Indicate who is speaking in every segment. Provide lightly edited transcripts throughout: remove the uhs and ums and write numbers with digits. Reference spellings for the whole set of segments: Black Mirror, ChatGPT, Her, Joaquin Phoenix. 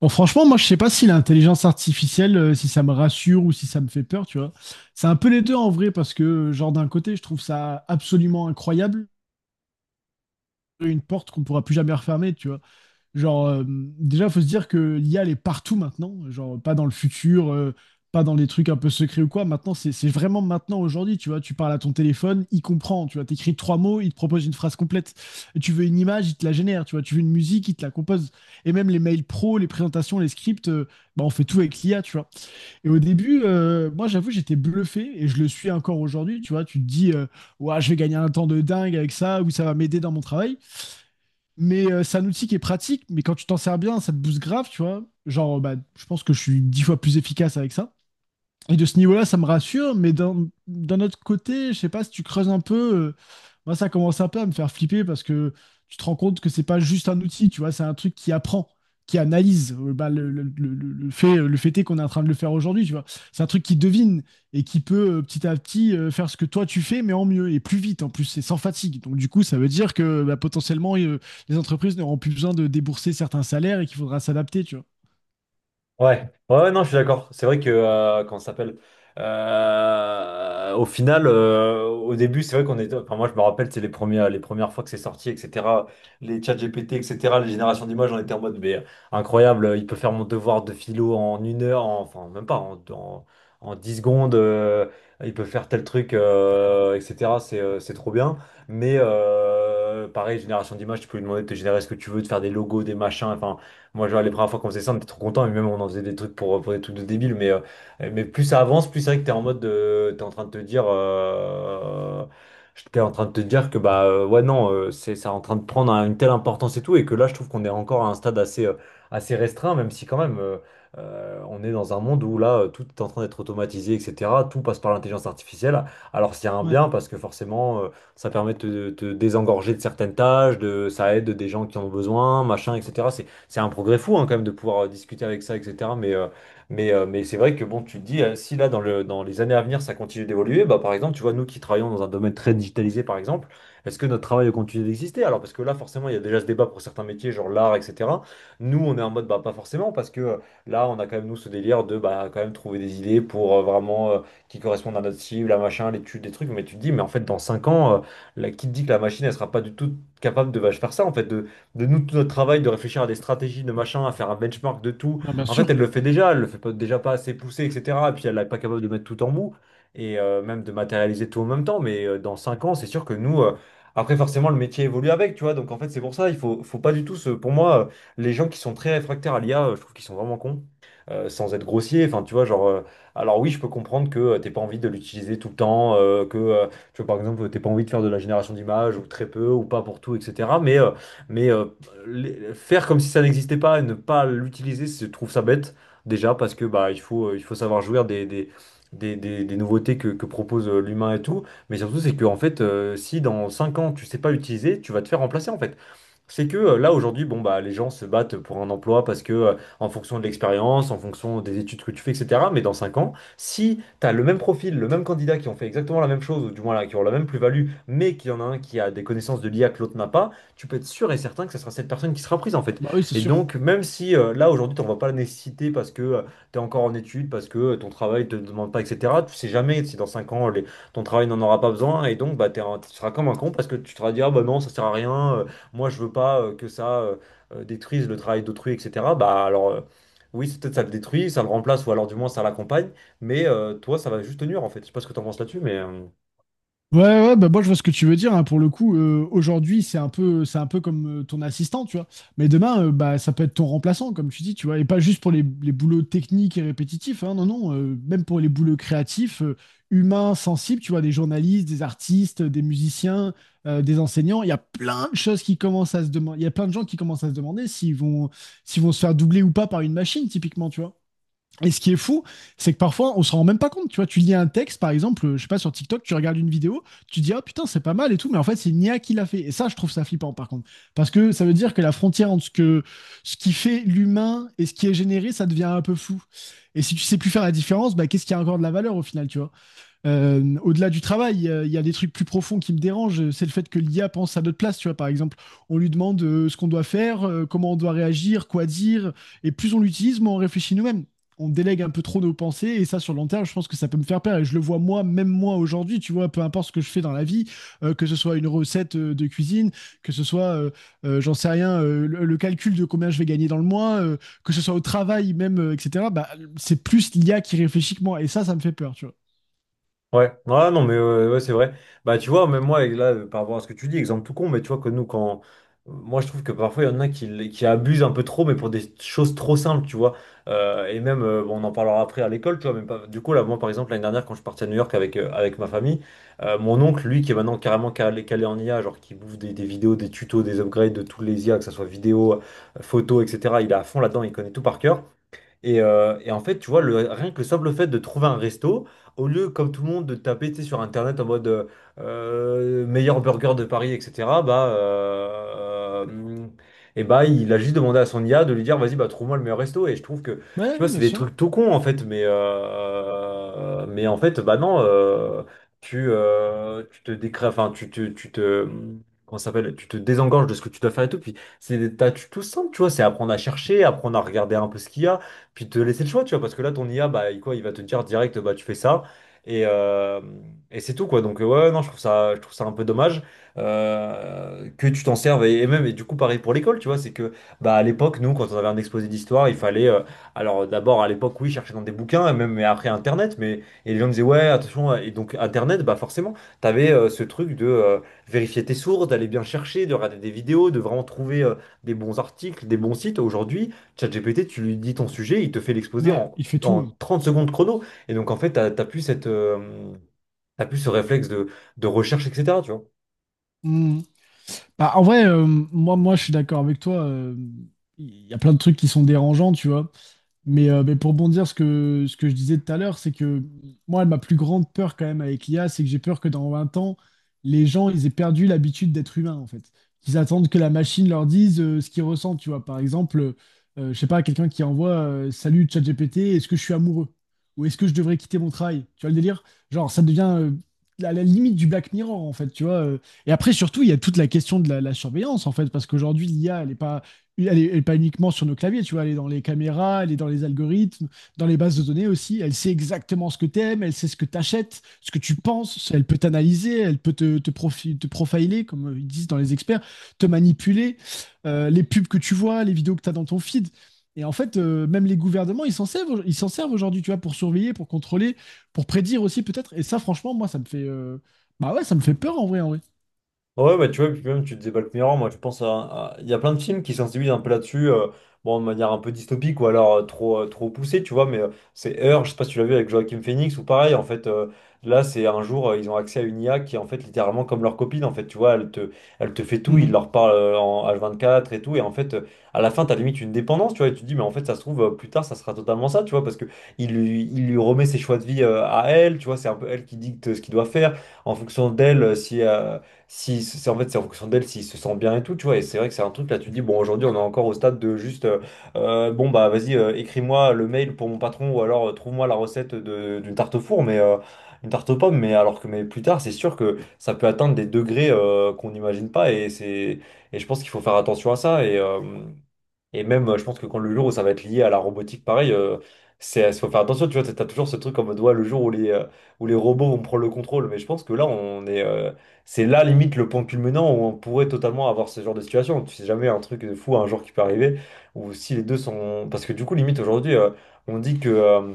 Speaker 1: Bon, franchement, moi, je sais pas si l'intelligence artificielle, si ça me rassure ou si ça me fait peur, tu vois. C'est un peu les deux en vrai, parce que, genre, d'un côté, je trouve ça absolument incroyable, une porte qu'on ne pourra plus jamais refermer, tu vois. Genre, déjà, faut se dire que l'IA, elle est partout maintenant. Genre, pas dans le futur, pas dans les trucs un peu secrets ou quoi. Maintenant, c'est vraiment maintenant, aujourd'hui. Tu vois, tu parles à ton téléphone, il comprend. Tu vois, t'écris trois mots, il te propose une phrase complète. Tu veux une image, il te la génère. Tu vois, tu veux une musique, il te la compose. Et même les mails pro, les présentations, les scripts, on fait tout avec l'IA, tu vois. Et au début, moi, j'avoue, j'étais bluffé et je le suis encore aujourd'hui. Tu vois, tu te dis, ouah, je vais gagner un temps de dingue avec ça, ou ça va m'aider dans mon travail. Mais c'est un outil qui est pratique, mais quand tu t'en sers bien, ça te booste grave, tu vois. Genre, bah, je pense que je suis 10 fois plus efficace avec ça. Et de ce niveau-là, ça me rassure, mais d'un autre côté, je sais pas, si tu creuses un peu, moi ça commence un peu à me faire flipper parce que tu te rends compte que c'est pas juste un outil, tu vois, c'est un truc qui apprend, qui analyse le fait est qu'on est en train de le faire aujourd'hui, tu vois. C'est un truc qui devine et qui peut petit à petit faire ce que toi tu fais, mais en mieux et plus vite en plus, c'est sans fatigue. Donc du coup, ça veut dire que bah, potentiellement, les entreprises n'auront plus besoin de débourser certains salaires et qu'il faudra s'adapter, tu vois.
Speaker 2: Ouais, ouais, ouais, non, je suis d'accord. C'est vrai que, comment ça s'appelle? Au début, c'est vrai qu'on était. Enfin, moi, je me rappelle, c'est les premières fois que c'est sorti, etc. Les chats GPT, etc. Les générations d'images, on était en mode, mais incroyable, il peut faire mon devoir de philo en une heure, enfin, même pas, en 10 secondes, il peut faire tel truc, etc. C'est trop bien. Mais pareil, génération d'images, tu peux lui demander de te générer ce que tu veux, de faire des logos, des machins. Enfin, moi, genre, les premières fois qu'on faisait ça, on était trop contents, et même on en faisait des trucs pour des trucs de débiles, mais, plus ça avance, plus c'est vrai que t'es en train de te dire, t'es en train de te dire que, bah, ouais, non, c'est en train de prendre une telle importance et tout, et que là, je trouve qu'on est encore à un stade assez, assez restreint, même si quand même, on est dans un monde où là, tout est en train d'être automatisé, etc. Tout passe par l'intelligence artificielle. Alors, c'est un
Speaker 1: Ouais,
Speaker 2: bien, parce que forcément, ça permet de te désengorger de certaines tâches, ça aide des gens qui en ont besoin, machin, etc. C'est un progrès fou hein, quand même de pouvoir discuter avec ça, etc. Mais c'est vrai que bon, tu te dis, si là, dans les années à venir, ça continue d'évoluer, bah, par exemple, tu vois, nous qui travaillons dans un domaine très digitalisé, par exemple, est-ce que notre travail continue d'exister? Alors, parce que là, forcément, il y a déjà ce débat pour certains métiers, genre l'art, etc. Nous, on est en mode, bah, pas forcément, parce que là, on a quand même, nous, ce délire de, bah, quand même trouver des idées pour vraiment qui correspondent à notre cible, à machin, l'étude, des trucs. Mais tu te dis, mais en fait, dans 5 ans, la, qui te dit que la machine, elle sera pas du tout capable de bah, faire ça, en fait, de nous, tout notre travail, de réfléchir à des stratégies, de machin, à faire un benchmark de tout.
Speaker 1: bah bien
Speaker 2: En fait,
Speaker 1: sûr.
Speaker 2: elle le fait déjà, elle le fait pas, déjà pas assez poussé, etc. Et puis elle n'est pas capable de mettre tout en mou et même de matérialiser tout en même temps. Mais dans 5 ans, c'est sûr que nous, après, forcément, le métier évolue avec, tu vois. Donc en fait, c'est pour ça, faut pas du tout, pour moi, les gens qui sont très réfractaires à l'IA, je trouve qu'ils sont vraiment cons. Sans être grossier, enfin tu vois, alors oui, je peux comprendre que t'aies pas envie de l'utiliser tout le temps, que tu vois, par exemple, t'es pas envie de faire de la génération d'images ou très peu ou pas pour tout, etc. Mais euh, faire comme si ça n'existait pas et ne pas l'utiliser, je trouve ça bête déjà parce que il faut savoir jouir des nouveautés que propose l'humain et tout. Mais surtout c'est que en fait si dans 5 ans tu sais pas l'utiliser, tu vas te faire remplacer en fait. C'est que là aujourd'hui, bon bah les gens se battent pour un emploi parce que en fonction de l'expérience, en fonction des études que tu fais, etc. Mais dans 5 ans, si tu as le même profil, le même candidat qui ont fait exactement la même chose, ou du moins là, qui ont la même plus-value, mais qu'il y en a un qui a des connaissances de l'IA que l'autre n'a pas, tu peux être sûr et certain que ce sera cette personne qui sera prise en fait.
Speaker 1: Bah oui, c'est
Speaker 2: Et
Speaker 1: sûr.
Speaker 2: donc même si là aujourd'hui t'en vois pas la nécessité parce que tu es encore en études, parce que ton travail te demande pas, etc. Tu sais jamais si dans 5 ans ton travail n'en aura pas besoin, et donc bah tu seras comme un con parce que tu te seras dit ah bah non ça sert à rien. Moi je veux pas que ça détruise le travail d'autrui, etc. Bah alors oui, c'est peut-être ça le détruit, ça le remplace, ou alors du moins ça l'accompagne, mais toi ça va juste te nuire en fait. Je sais pas ce que t'en penses là-dessus, mais...
Speaker 1: Ouais, ouais, bah moi je vois ce que tu veux dire, hein. Pour le coup, aujourd'hui, c'est un peu comme ton assistant, tu vois. Mais demain, bah, ça peut être ton remplaçant, comme tu dis, tu vois. Et pas juste pour les boulots techniques et répétitifs, hein, non, non. Même pour les boulots créatifs, humains, sensibles, tu vois, des journalistes, des artistes, des musiciens, des enseignants. Il y a plein de choses qui commencent à se demander. Il y a plein de gens qui commencent à se demander s'ils vont se faire doubler ou pas par une machine, typiquement, tu vois. Et ce qui est fou, c'est que parfois, on se rend même pas compte. Tu vois, tu lis un texte, par exemple, je sais pas, sur TikTok, tu regardes une vidéo, tu dis, ah putain, c'est pas mal et tout, mais en fait, c'est Nia qui l'a fait. Et ça, je trouve ça flippant, par contre. Parce que ça veut dire que la frontière entre ce qui fait l'humain et ce qui est généré, ça devient un peu flou. Et si tu sais plus faire la différence, bah, qu'est-ce qui a encore de la valeur au final, tu vois. Au-delà du travail, il y a des trucs plus profonds qui me dérangent. C'est le fait que l'IA pense à notre place, tu vois, par exemple. On lui demande ce qu'on doit faire, comment on doit réagir, quoi dire. Et plus on l'utilise, moins on réfléchit nous-mêmes. On délègue un peu trop nos pensées. Et ça, sur le long terme, je pense que ça peut me faire peur. Et je le vois moi, même moi aujourd'hui, tu vois, peu importe ce que je fais dans la vie, que ce soit une recette de cuisine, que ce soit, j'en sais rien, le calcul de combien je vais gagner dans le mois, que ce soit au travail même, etc. Bah, c'est plus l'IA qui réfléchit que moi. Et ça me fait peur, tu…
Speaker 2: Ouais, ouais, non, mais c'est vrai. Bah, tu vois, même moi, et là, par rapport à ce que tu dis, exemple tout con, mais tu vois que nous, quand. Moi, je trouve que parfois, il y en a qui, qui abusent un peu trop, mais pour des choses trop simples, tu vois. Bon, on en parlera après à l'école, tu vois. Même pas... Du coup, là, moi, par exemple, l'année dernière, quand je partais à New York avec, avec ma famille, mon oncle, lui, qui est maintenant carrément calé, calé en IA, genre qui bouffe des vidéos, des tutos, des upgrades de tous les IA, que ce soit vidéo, photo, etc., il est à fond là-dedans, il connaît tout par cœur. Et en fait, tu vois, rien que le simple fait de trouver un resto, au lieu, comme tout le monde, de taper, tu sais, sur Internet en mode meilleur burger de Paris, etc., et bah, il a juste demandé à son IA de lui dire, vas-y, bah, trouve-moi le meilleur resto. Tu
Speaker 1: Ouais,
Speaker 2: vois, c'est
Speaker 1: bien
Speaker 2: des
Speaker 1: sûr.
Speaker 2: trucs tout cons, en fait, mais, en fait, bah non, tu, tu te décrées, enfin, tu te... Comment ça s'appelle? Tu te désengages de ce que tu dois faire et tout. Puis c'est des tâches tout simples, tu vois. C'est apprendre à chercher, apprendre à regarder un peu ce qu'il y a puis te laisser le choix, tu vois, parce que là, ton IA, quoi, il va te dire direct, bah, tu fais ça, et, euh, et c'est tout, quoi. Donc, non, je trouve ça un peu dommage que tu t'en serves, et même, et du coup, pareil pour l'école, tu vois, c'est que, bah, à l'époque, nous, quand on avait un exposé d'histoire, alors, d'abord, à l'époque, oui, chercher dans des bouquins, et même, mais après, Internet, mais, et les gens disaient, ouais, attention, et donc, Internet, bah, forcément, t'avais avais ce truc de vérifier tes sources, d'aller bien chercher, de regarder des vidéos, de vraiment trouver des bons articles, des bons sites. Aujourd'hui, ChatGPT, tu lui dis ton sujet, il te fait l'exposer
Speaker 1: Ouais, il fait
Speaker 2: en
Speaker 1: tout.
Speaker 2: 30 secondes chrono. Et donc, en fait, t'as plus cette, t'as plus ce réflexe de recherche, etc., tu vois.
Speaker 1: Mm. Bah, en vrai, moi, je suis d'accord avec toi. Il y a plein de trucs qui sont dérangeants, tu vois. Mais pour bondir ce que je disais tout à l'heure, c'est que moi, ma plus grande peur quand même avec l'IA, c'est que j'ai peur que dans 20 ans, les gens, ils aient perdu l'habitude d'être humains, en fait. Qu'ils attendent que la machine leur dise ce qu'ils ressentent, tu vois. Par exemple, je sais pas, quelqu'un qui envoie salut ChatGPT, est-ce que je suis amoureux? Ou est-ce que je devrais quitter mon travail? Tu vois le délire? Genre, ça devient à la limite du Black Mirror, en fait, tu vois. Et après, surtout, il y a toute la question de la surveillance, en fait, parce qu'aujourd'hui, l'IA, elle n'est pas elle est, elle est pas uniquement sur nos claviers, tu vois, elle est dans les caméras, elle est dans les algorithmes, dans les bases de données aussi. Elle sait exactement ce que tu aimes, elle sait ce que tu achètes, ce que tu penses, elle peut t'analyser, elle peut te profiler, comme ils disent dans les experts, te manipuler, les pubs que tu vois, les vidéos que tu as dans ton feed. Et en fait, même les gouvernements, ils s'en servent aujourd'hui, tu vois, pour surveiller, pour contrôler, pour prédire aussi peut-être. Et ça, franchement, moi, ça me fait, bah ouais, ça me fait peur en vrai, en vrai.
Speaker 2: Ouais, bah, tu vois, puis même, tu disais Black Mirror, moi, je pense à... Il y a plein de films qui sensibilisent un peu là-dessus, bon, de manière un peu dystopique ou alors trop poussée, tu vois, mais c'est Her, je sais pas si tu l'as vu avec Joaquin Phoenix, ou pareil, en fait, là, c'est un jour, ils ont accès à une IA qui est en fait littéralement comme leur copine, en fait, tu vois, elle te fait tout, il
Speaker 1: Mhm.
Speaker 2: leur parle en H24 et tout, et en fait, à la fin, t'as limite une dépendance, tu vois, et tu te dis, mais en fait, ça se trouve, plus tard, ça sera totalement ça, tu vois, parce que il lui remet ses choix de vie à elle, tu vois, c'est un peu elle qui dicte ce qu'il doit faire, en fonction d'elle, si... si c'est en fait c'est en fonction d'elle s'il se sent bien et tout tu vois et c'est vrai que c'est un truc là tu te dis bon aujourd'hui on est encore au stade de juste bon bah vas-y écris-moi le mail pour mon patron ou alors trouve-moi d'une tarte au four mais une tarte aux pommes mais alors que mais plus tard c'est sûr que ça peut atteindre des degrés qu'on n'imagine pas et je pense qu'il faut faire attention à ça et je pense que quand le jour où ça va être lié à la robotique, pareil, c'est, faut faire attention, tu vois, t'as toujours ce truc en mode, ouais, le jour où où les robots vont prendre le contrôle. Mais je pense que là, c'est là, limite, le point culminant où on pourrait totalement avoir ce genre de situation. Tu sais jamais un truc de fou, un jour qui peut arriver, ou si les deux sont... Parce que du coup, limite, aujourd'hui, on dit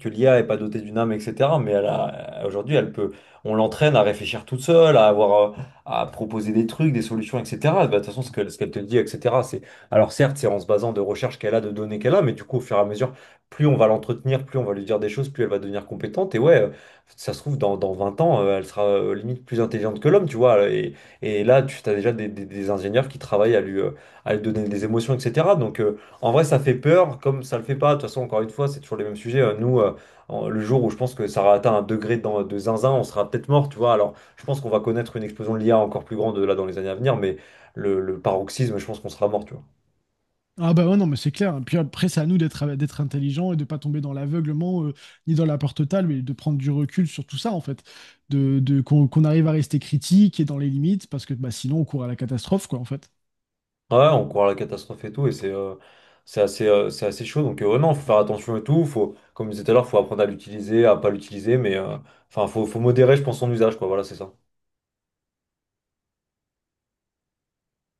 Speaker 2: que l'IA est pas dotée d'une âme, etc. Mais elle a, aujourd'hui, elle peut, on l'entraîne à réfléchir toute seule, à avoir, à proposer des trucs, des solutions, etc. Bah, de toute façon, ce qu'elle te dit, etc. C'est, alors certes, c'est en se basant de recherches qu'elle a, de données qu'elle a, mais du coup, au fur et à mesure, plus on va l'entretenir, plus on va lui dire des choses, plus elle va devenir compétente. Et ouais, ça se trouve, dans 20 ans, elle sera limite plus intelligente que l'homme, tu vois. Et là, tu as déjà des ingénieurs qui travaillent à lui donner des émotions, etc. Donc, en vrai, ça fait peur, comme ça le fait pas. De toute façon, encore une fois, c'est toujours les mêmes sujets. Nous, le jour où je pense que ça aura atteint un degré de zinzin, on sera peut-être mort, tu vois. Alors, je pense qu'on va connaître une explosion de l'IA encore plus grande là dans les années à venir, mais le paroxysme, je pense qu'on sera mort, tu vois.
Speaker 1: Ah bah ouais, non, mais c'est clair. Puis après, c'est à nous d'être intelligents et de pas tomber dans l'aveuglement ni dans la peur totale, mais de prendre du recul sur tout ça, en fait. Qu'on qu'on arrive à rester critique et dans les limites, parce que bah, sinon, on court à la catastrophe, quoi, en fait.
Speaker 2: Ouais, on croit à la catastrophe et tout, c'est assez chaud. Donc, non, faut faire attention et tout. Faut, comme je disais tout à l'heure, faut apprendre à l'utiliser, à pas l'utiliser, mais enfin, faut modérer, je pense, son usage, quoi. Voilà, c'est ça.